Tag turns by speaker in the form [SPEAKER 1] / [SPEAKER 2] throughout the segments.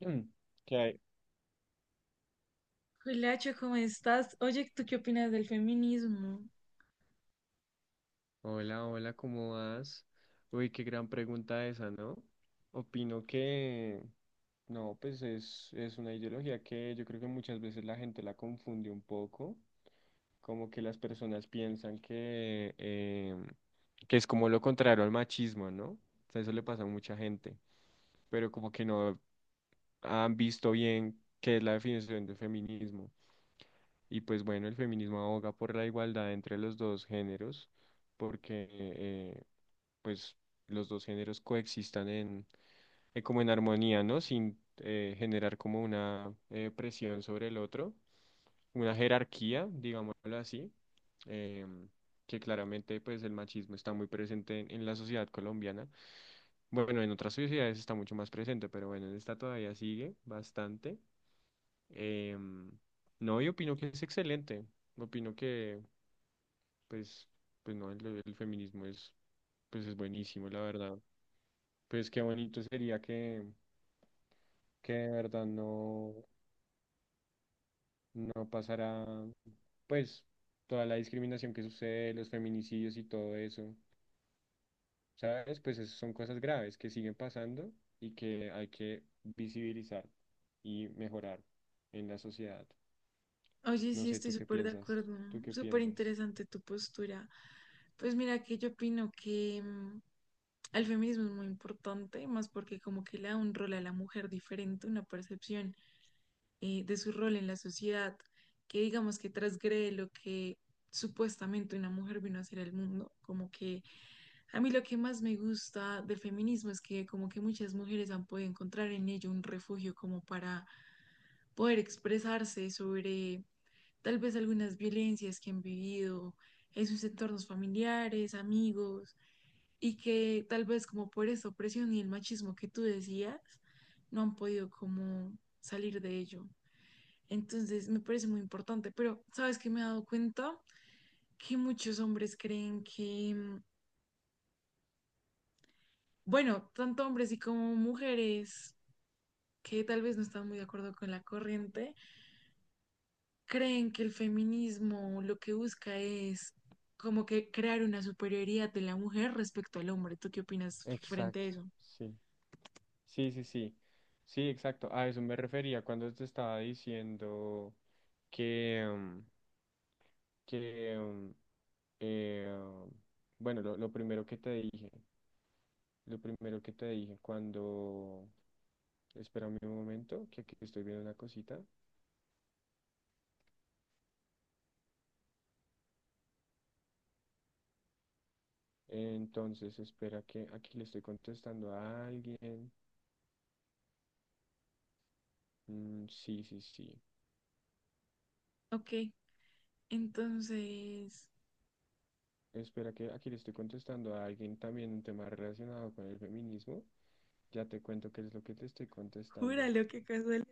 [SPEAKER 1] Mm. ¿Qué hay?
[SPEAKER 2] Juliacho, ¿cómo estás? Oye, ¿tú qué opinas del feminismo?
[SPEAKER 1] Hola, hola, ¿cómo vas? Uy, qué gran pregunta esa, ¿no? Opino que no, pues es una ideología que yo creo que muchas veces la gente la confunde un poco, como que las personas piensan que es como lo contrario al machismo, ¿no? O sea, eso le pasa a mucha gente, pero como que no han visto bien qué es la definición de feminismo. Y pues bueno, el feminismo aboga por la igualdad entre los dos géneros, porque pues los dos géneros coexistan en, como en armonía, ¿no? Sin generar como una presión sobre el otro, una jerarquía, digámoslo así, em, que claramente pues el machismo está muy presente en, la sociedad colombiana. Bueno, en otras sociedades está mucho más presente, pero bueno, en esta todavía sigue bastante. Em, no, yo opino que es excelente. Opino que pues, pues, no, el feminismo es, pues es buenísimo, la verdad. Pues qué bonito sería que de verdad no, no pasara, pues, toda la discriminación que sucede, los feminicidios y todo eso, ¿sabes? Pues esas son cosas graves que siguen pasando y que hay que visibilizar y mejorar en la sociedad.
[SPEAKER 2] Oye,
[SPEAKER 1] No
[SPEAKER 2] sí,
[SPEAKER 1] sé,
[SPEAKER 2] estoy
[SPEAKER 1] ¿tú qué
[SPEAKER 2] súper de
[SPEAKER 1] piensas?
[SPEAKER 2] acuerdo.
[SPEAKER 1] ¿Tú qué
[SPEAKER 2] Súper
[SPEAKER 1] piensas?
[SPEAKER 2] interesante tu postura. Pues mira, que yo opino que el feminismo es muy importante, más porque como que le da un rol a la mujer diferente, una percepción de su rol en la sociedad, que digamos que transgrede lo que supuestamente una mujer vino a hacer al mundo, como que a mí lo que más me gusta del feminismo es que como que muchas mujeres han podido encontrar en ello un refugio como para poder expresarse sobre tal vez algunas violencias que han vivido en sus entornos familiares, amigos, y que tal vez como por esta opresión y el machismo que tú decías, no han podido como salir de ello. Entonces me parece muy importante, pero sabes que me he dado cuenta que muchos hombres creen que bueno, tanto hombres y como mujeres que tal vez no están muy de acuerdo con la corriente, creen que el feminismo lo que busca es como que crear una superioridad de la mujer respecto al hombre. ¿Tú qué opinas frente a
[SPEAKER 1] Exacto,
[SPEAKER 2] eso?
[SPEAKER 1] sí. Sí, sí, sí. Sí, exacto. A eso me refería cuando te estaba diciendo que, mm, que, mm, eh, bueno, lo primero que te dije cuando, espérame un momento, que aquí estoy viendo una cosita. Entonces, espera que aquí le estoy contestando a alguien. Mm, sí, sí, sí.
[SPEAKER 2] Ok, entonces,
[SPEAKER 1] Espera que aquí le estoy contestando a alguien también un tema relacionado con el feminismo. Ya te cuento qué es lo que te estoy contestando.
[SPEAKER 2] júralo, qué casualidad.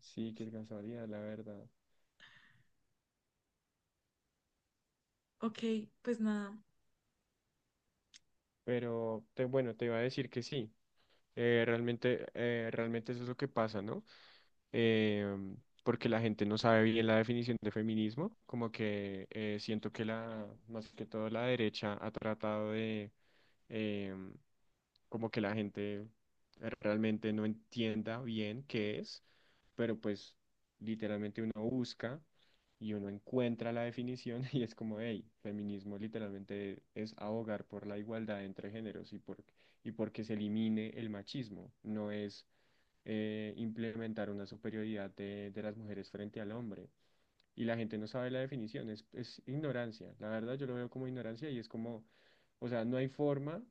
[SPEAKER 1] Sí, que alcanzaría, la verdad.
[SPEAKER 2] Ok, pues nada.
[SPEAKER 1] Pero bueno, te iba a decir que sí. Realmente eso es lo que pasa, ¿no? Em, porque la gente no sabe bien la definición de feminismo. Como que siento que la, más que todo la derecha ha tratado de, em, como que la gente realmente no entienda bien qué es, pero pues literalmente uno busca y uno encuentra la definición y es como, hey, feminismo literalmente es abogar por la igualdad entre géneros y por, y porque se elimine el machismo, no es implementar una superioridad de, las mujeres frente al hombre y la gente no sabe la definición, es ignorancia. La verdad yo lo veo como ignorancia y es como, o sea, no hay forma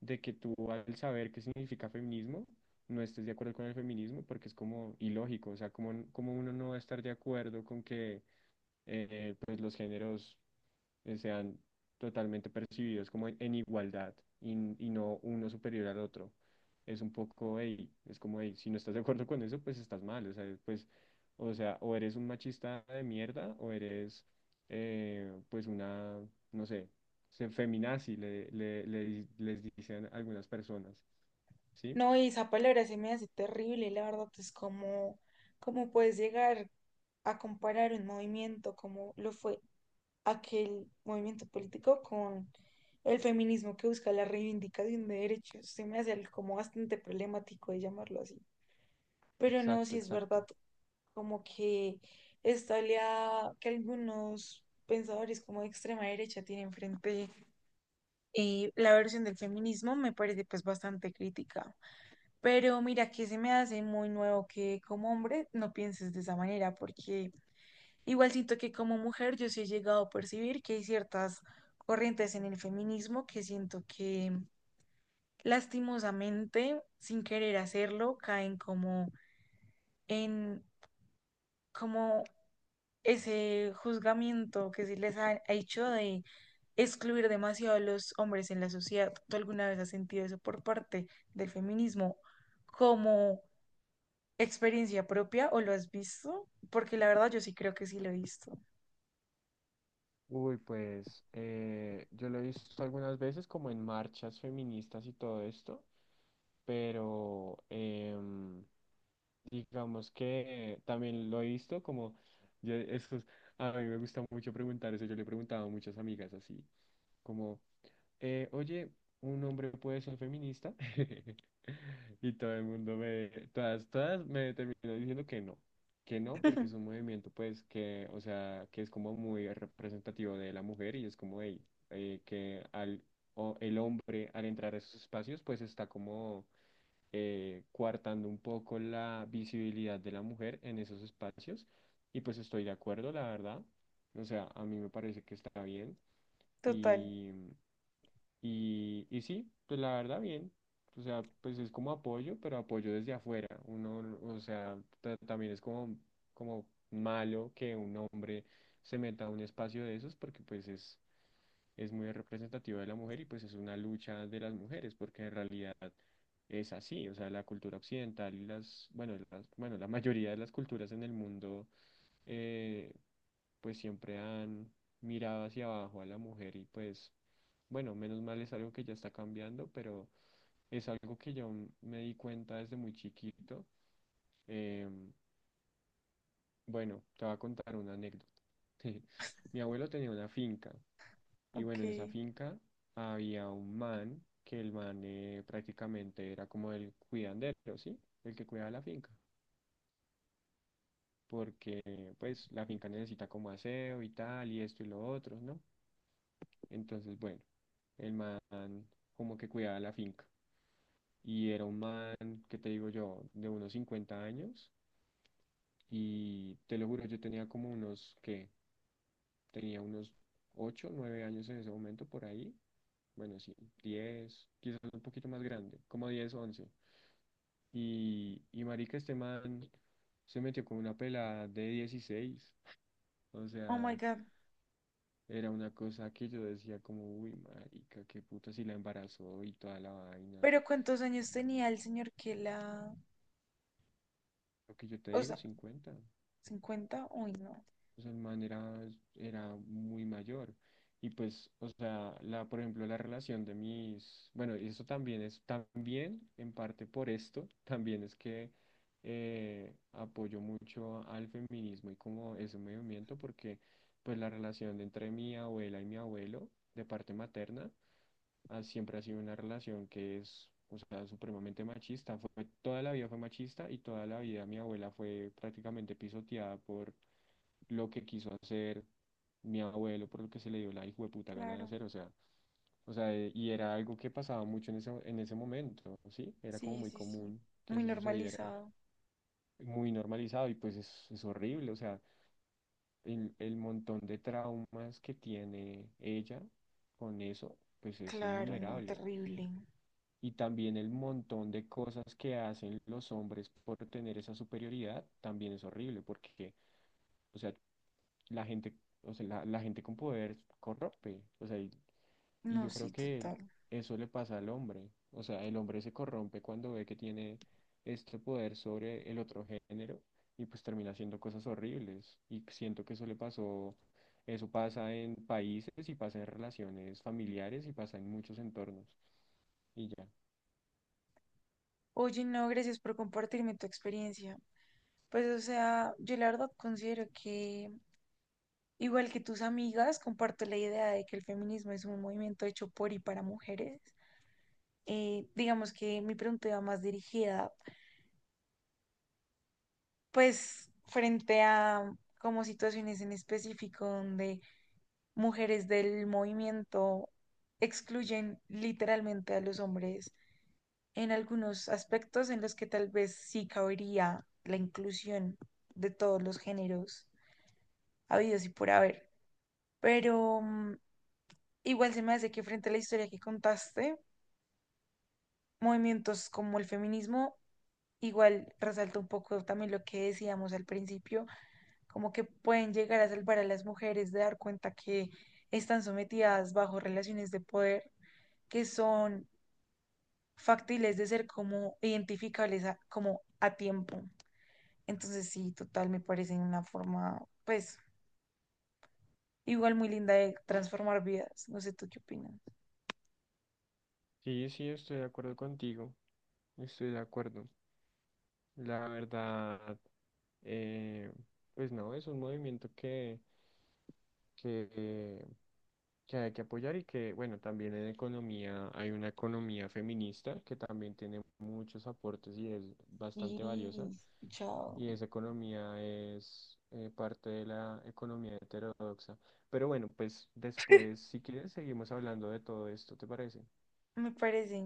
[SPEAKER 1] de que tú al saber qué significa feminismo, no estés de acuerdo con el feminismo porque es como ilógico, o sea, como, como uno no va a estar de acuerdo con que pues los géneros sean totalmente percibidos como en igualdad y no uno superior al otro. Es un poco, "Ey", es como, "Ey, si no estás de acuerdo con eso, pues estás mal. O sea, pues, o sea, o eres un machista de mierda o eres, pues, una, no sé, feminazi, les dicen algunas personas, ¿sí?
[SPEAKER 2] No, y esa palabra se me hace terrible, la verdad, es como, ¿cómo puedes llegar a comparar un movimiento como lo fue aquel movimiento político con el feminismo que busca la reivindicación de derechos? Se me hace algo como bastante problemático de llamarlo así. Pero no,
[SPEAKER 1] Exacto,
[SPEAKER 2] si es verdad,
[SPEAKER 1] exacto.
[SPEAKER 2] como que esta oleada que algunos pensadores como de extrema derecha tienen frente y la versión del feminismo me parece pues bastante crítica. Pero mira que se me hace muy nuevo que como hombre no pienses de esa manera, porque igual siento que como mujer yo sí he llegado a percibir que hay ciertas corrientes en el feminismo que siento que lastimosamente, sin querer hacerlo, caen como en como ese juzgamiento que se les ha hecho de excluir demasiado a los hombres en la sociedad. ¿Tú alguna vez has sentido eso por parte del feminismo como experiencia propia o lo has visto? Porque la verdad yo sí creo que sí lo he visto.
[SPEAKER 1] Uy, pues yo lo he visto algunas veces como en marchas feministas y todo esto, pero digamos que también lo he visto como, yo, eso es- a mí me gusta mucho preguntar eso, yo le preguntaba a muchas amigas así, como, oye, un hombre puede ser feminista. Y todo el mundo todas me terminó diciendo que no, porque es un movimiento, pues, que, o sea, que es como muy representativo de la mujer y es como, hey, eh, que al, o el hombre al entrar a esos espacios, pues está como coartando un poco la visibilidad de la mujer en esos espacios. Y pues estoy de acuerdo, la verdad. O sea, a mí me parece que está bien.
[SPEAKER 2] Total,
[SPEAKER 1] Y sí, pues la verdad bien. O sea, pues es como apoyo, pero apoyo desde afuera. Uno, o sea, también es como, como malo que un hombre se meta a un espacio de esos porque pues es muy representativa de la mujer y pues es una lucha de las mujeres, porque en realidad es así, o sea, la cultura occidental y las, bueno, la mayoría de las culturas en el mundo, eh, pues siempre han mirado hacia abajo a la mujer y pues, bueno, menos mal es algo que ya está cambiando, pero es algo que yo me di cuenta desde muy chiquito. Em, bueno, te voy a contar una anécdota. Mi abuelo tenía una finca y
[SPEAKER 2] ok.
[SPEAKER 1] bueno, en esa finca había un man, que el man prácticamente era como el cuidandero, ¿sí? El que cuidaba la finca, porque pues la finca necesita como aseo y tal, y esto y lo otro, ¿no? Entonces, bueno, el man como que cuidaba la finca. Y era un man, ¿que te digo yo? De unos 50 años. Y te lo juro, yo tenía como unos, que tenía unos 8 9 años en ese momento por ahí. Bueno, sí, 10 quizás un poquito más grande, como 10 once. Y marica, este man se metió con una pelada de 16. O
[SPEAKER 2] Oh
[SPEAKER 1] sea,
[SPEAKER 2] my God.
[SPEAKER 1] era una cosa que yo decía como, uy, marica, qué puta si la embarazó y toda la vaina.
[SPEAKER 2] Pero ¿cuántos años
[SPEAKER 1] Mm.
[SPEAKER 2] tenía el señor que la...
[SPEAKER 1] Lo que yo te
[SPEAKER 2] O
[SPEAKER 1] digo,
[SPEAKER 2] sea,
[SPEAKER 1] 50.
[SPEAKER 2] 50, uy, no.
[SPEAKER 1] O sea, el man era, era muy mayor. Y pues, o sea, la, por ejemplo, la relación de mis, bueno, y eso también es, también en parte por esto, también es que apoyo mucho al feminismo y como ese movimiento, porque pues la relación entre mi abuela y mi abuelo, de parte materna, siempre ha sido una relación que es, o sea, supremamente machista. Fue, toda la vida fue machista y toda la vida mi abuela fue prácticamente pisoteada por lo que quiso hacer mi abuelo, por lo que se le dio la hijueputa gana de
[SPEAKER 2] Claro.
[SPEAKER 1] hacer, o sea, y era algo que pasaba mucho en ese momento, ¿sí? Era como
[SPEAKER 2] Sí,
[SPEAKER 1] muy
[SPEAKER 2] sí, sí.
[SPEAKER 1] común que
[SPEAKER 2] Muy
[SPEAKER 1] eso sucediera,
[SPEAKER 2] normalizado.
[SPEAKER 1] muy normalizado, y pues es horrible, o sea, el, montón de traumas que tiene ella con eso, pues es
[SPEAKER 2] Claro, no,
[SPEAKER 1] innumerable.
[SPEAKER 2] terrible.
[SPEAKER 1] Y también el montón de cosas que hacen los hombres por tener esa superioridad, también es horrible, porque, o sea, la gente, o sea, la gente con poder corrompe, o sea, y
[SPEAKER 2] No,
[SPEAKER 1] yo
[SPEAKER 2] sí,
[SPEAKER 1] creo que
[SPEAKER 2] total.
[SPEAKER 1] eso le pasa al hombre, o sea, el hombre se corrompe cuando ve que tiene este poder sobre el otro género y pues termina haciendo cosas horribles y siento que eso le pasó, eso pasa en países y pasa en relaciones familiares y pasa en muchos entornos y ya.
[SPEAKER 2] Oye, no, gracias por compartirme tu experiencia. Pues, o sea, yo la verdad considero que, igual que tus amigas, comparto la idea de que el feminismo es un movimiento hecho por y para mujeres. Digamos que mi pregunta iba más dirigida pues frente a como situaciones en específico donde mujeres del movimiento excluyen literalmente a los hombres en algunos aspectos en los que tal vez sí cabería la inclusión de todos los géneros habidos y por haber. Pero igual se me hace que frente a la historia que contaste, movimientos como el feminismo, igual resalta un poco también lo que decíamos al principio, como que pueden llegar a salvar a las mujeres de dar cuenta que están sometidas bajo relaciones de poder que son factibles de ser como identificables a- como a tiempo. Entonces sí, total, me parece una forma, pues, igual muy linda de transformar vidas. No sé tú qué opinas.
[SPEAKER 1] Sí, sí, estoy de acuerdo contigo, estoy de acuerdo. La verdad, eh, pues no, es un movimiento que, eh, que hay que apoyar y que, bueno, también en economía hay una economía feminista que también tiene muchos aportes y es bastante valiosa.
[SPEAKER 2] Sí, chao.
[SPEAKER 1] Y esa economía es parte de la economía heterodoxa. Pero bueno, pues después, si quieres, seguimos hablando de todo esto, ¿te parece?
[SPEAKER 2] Me parece.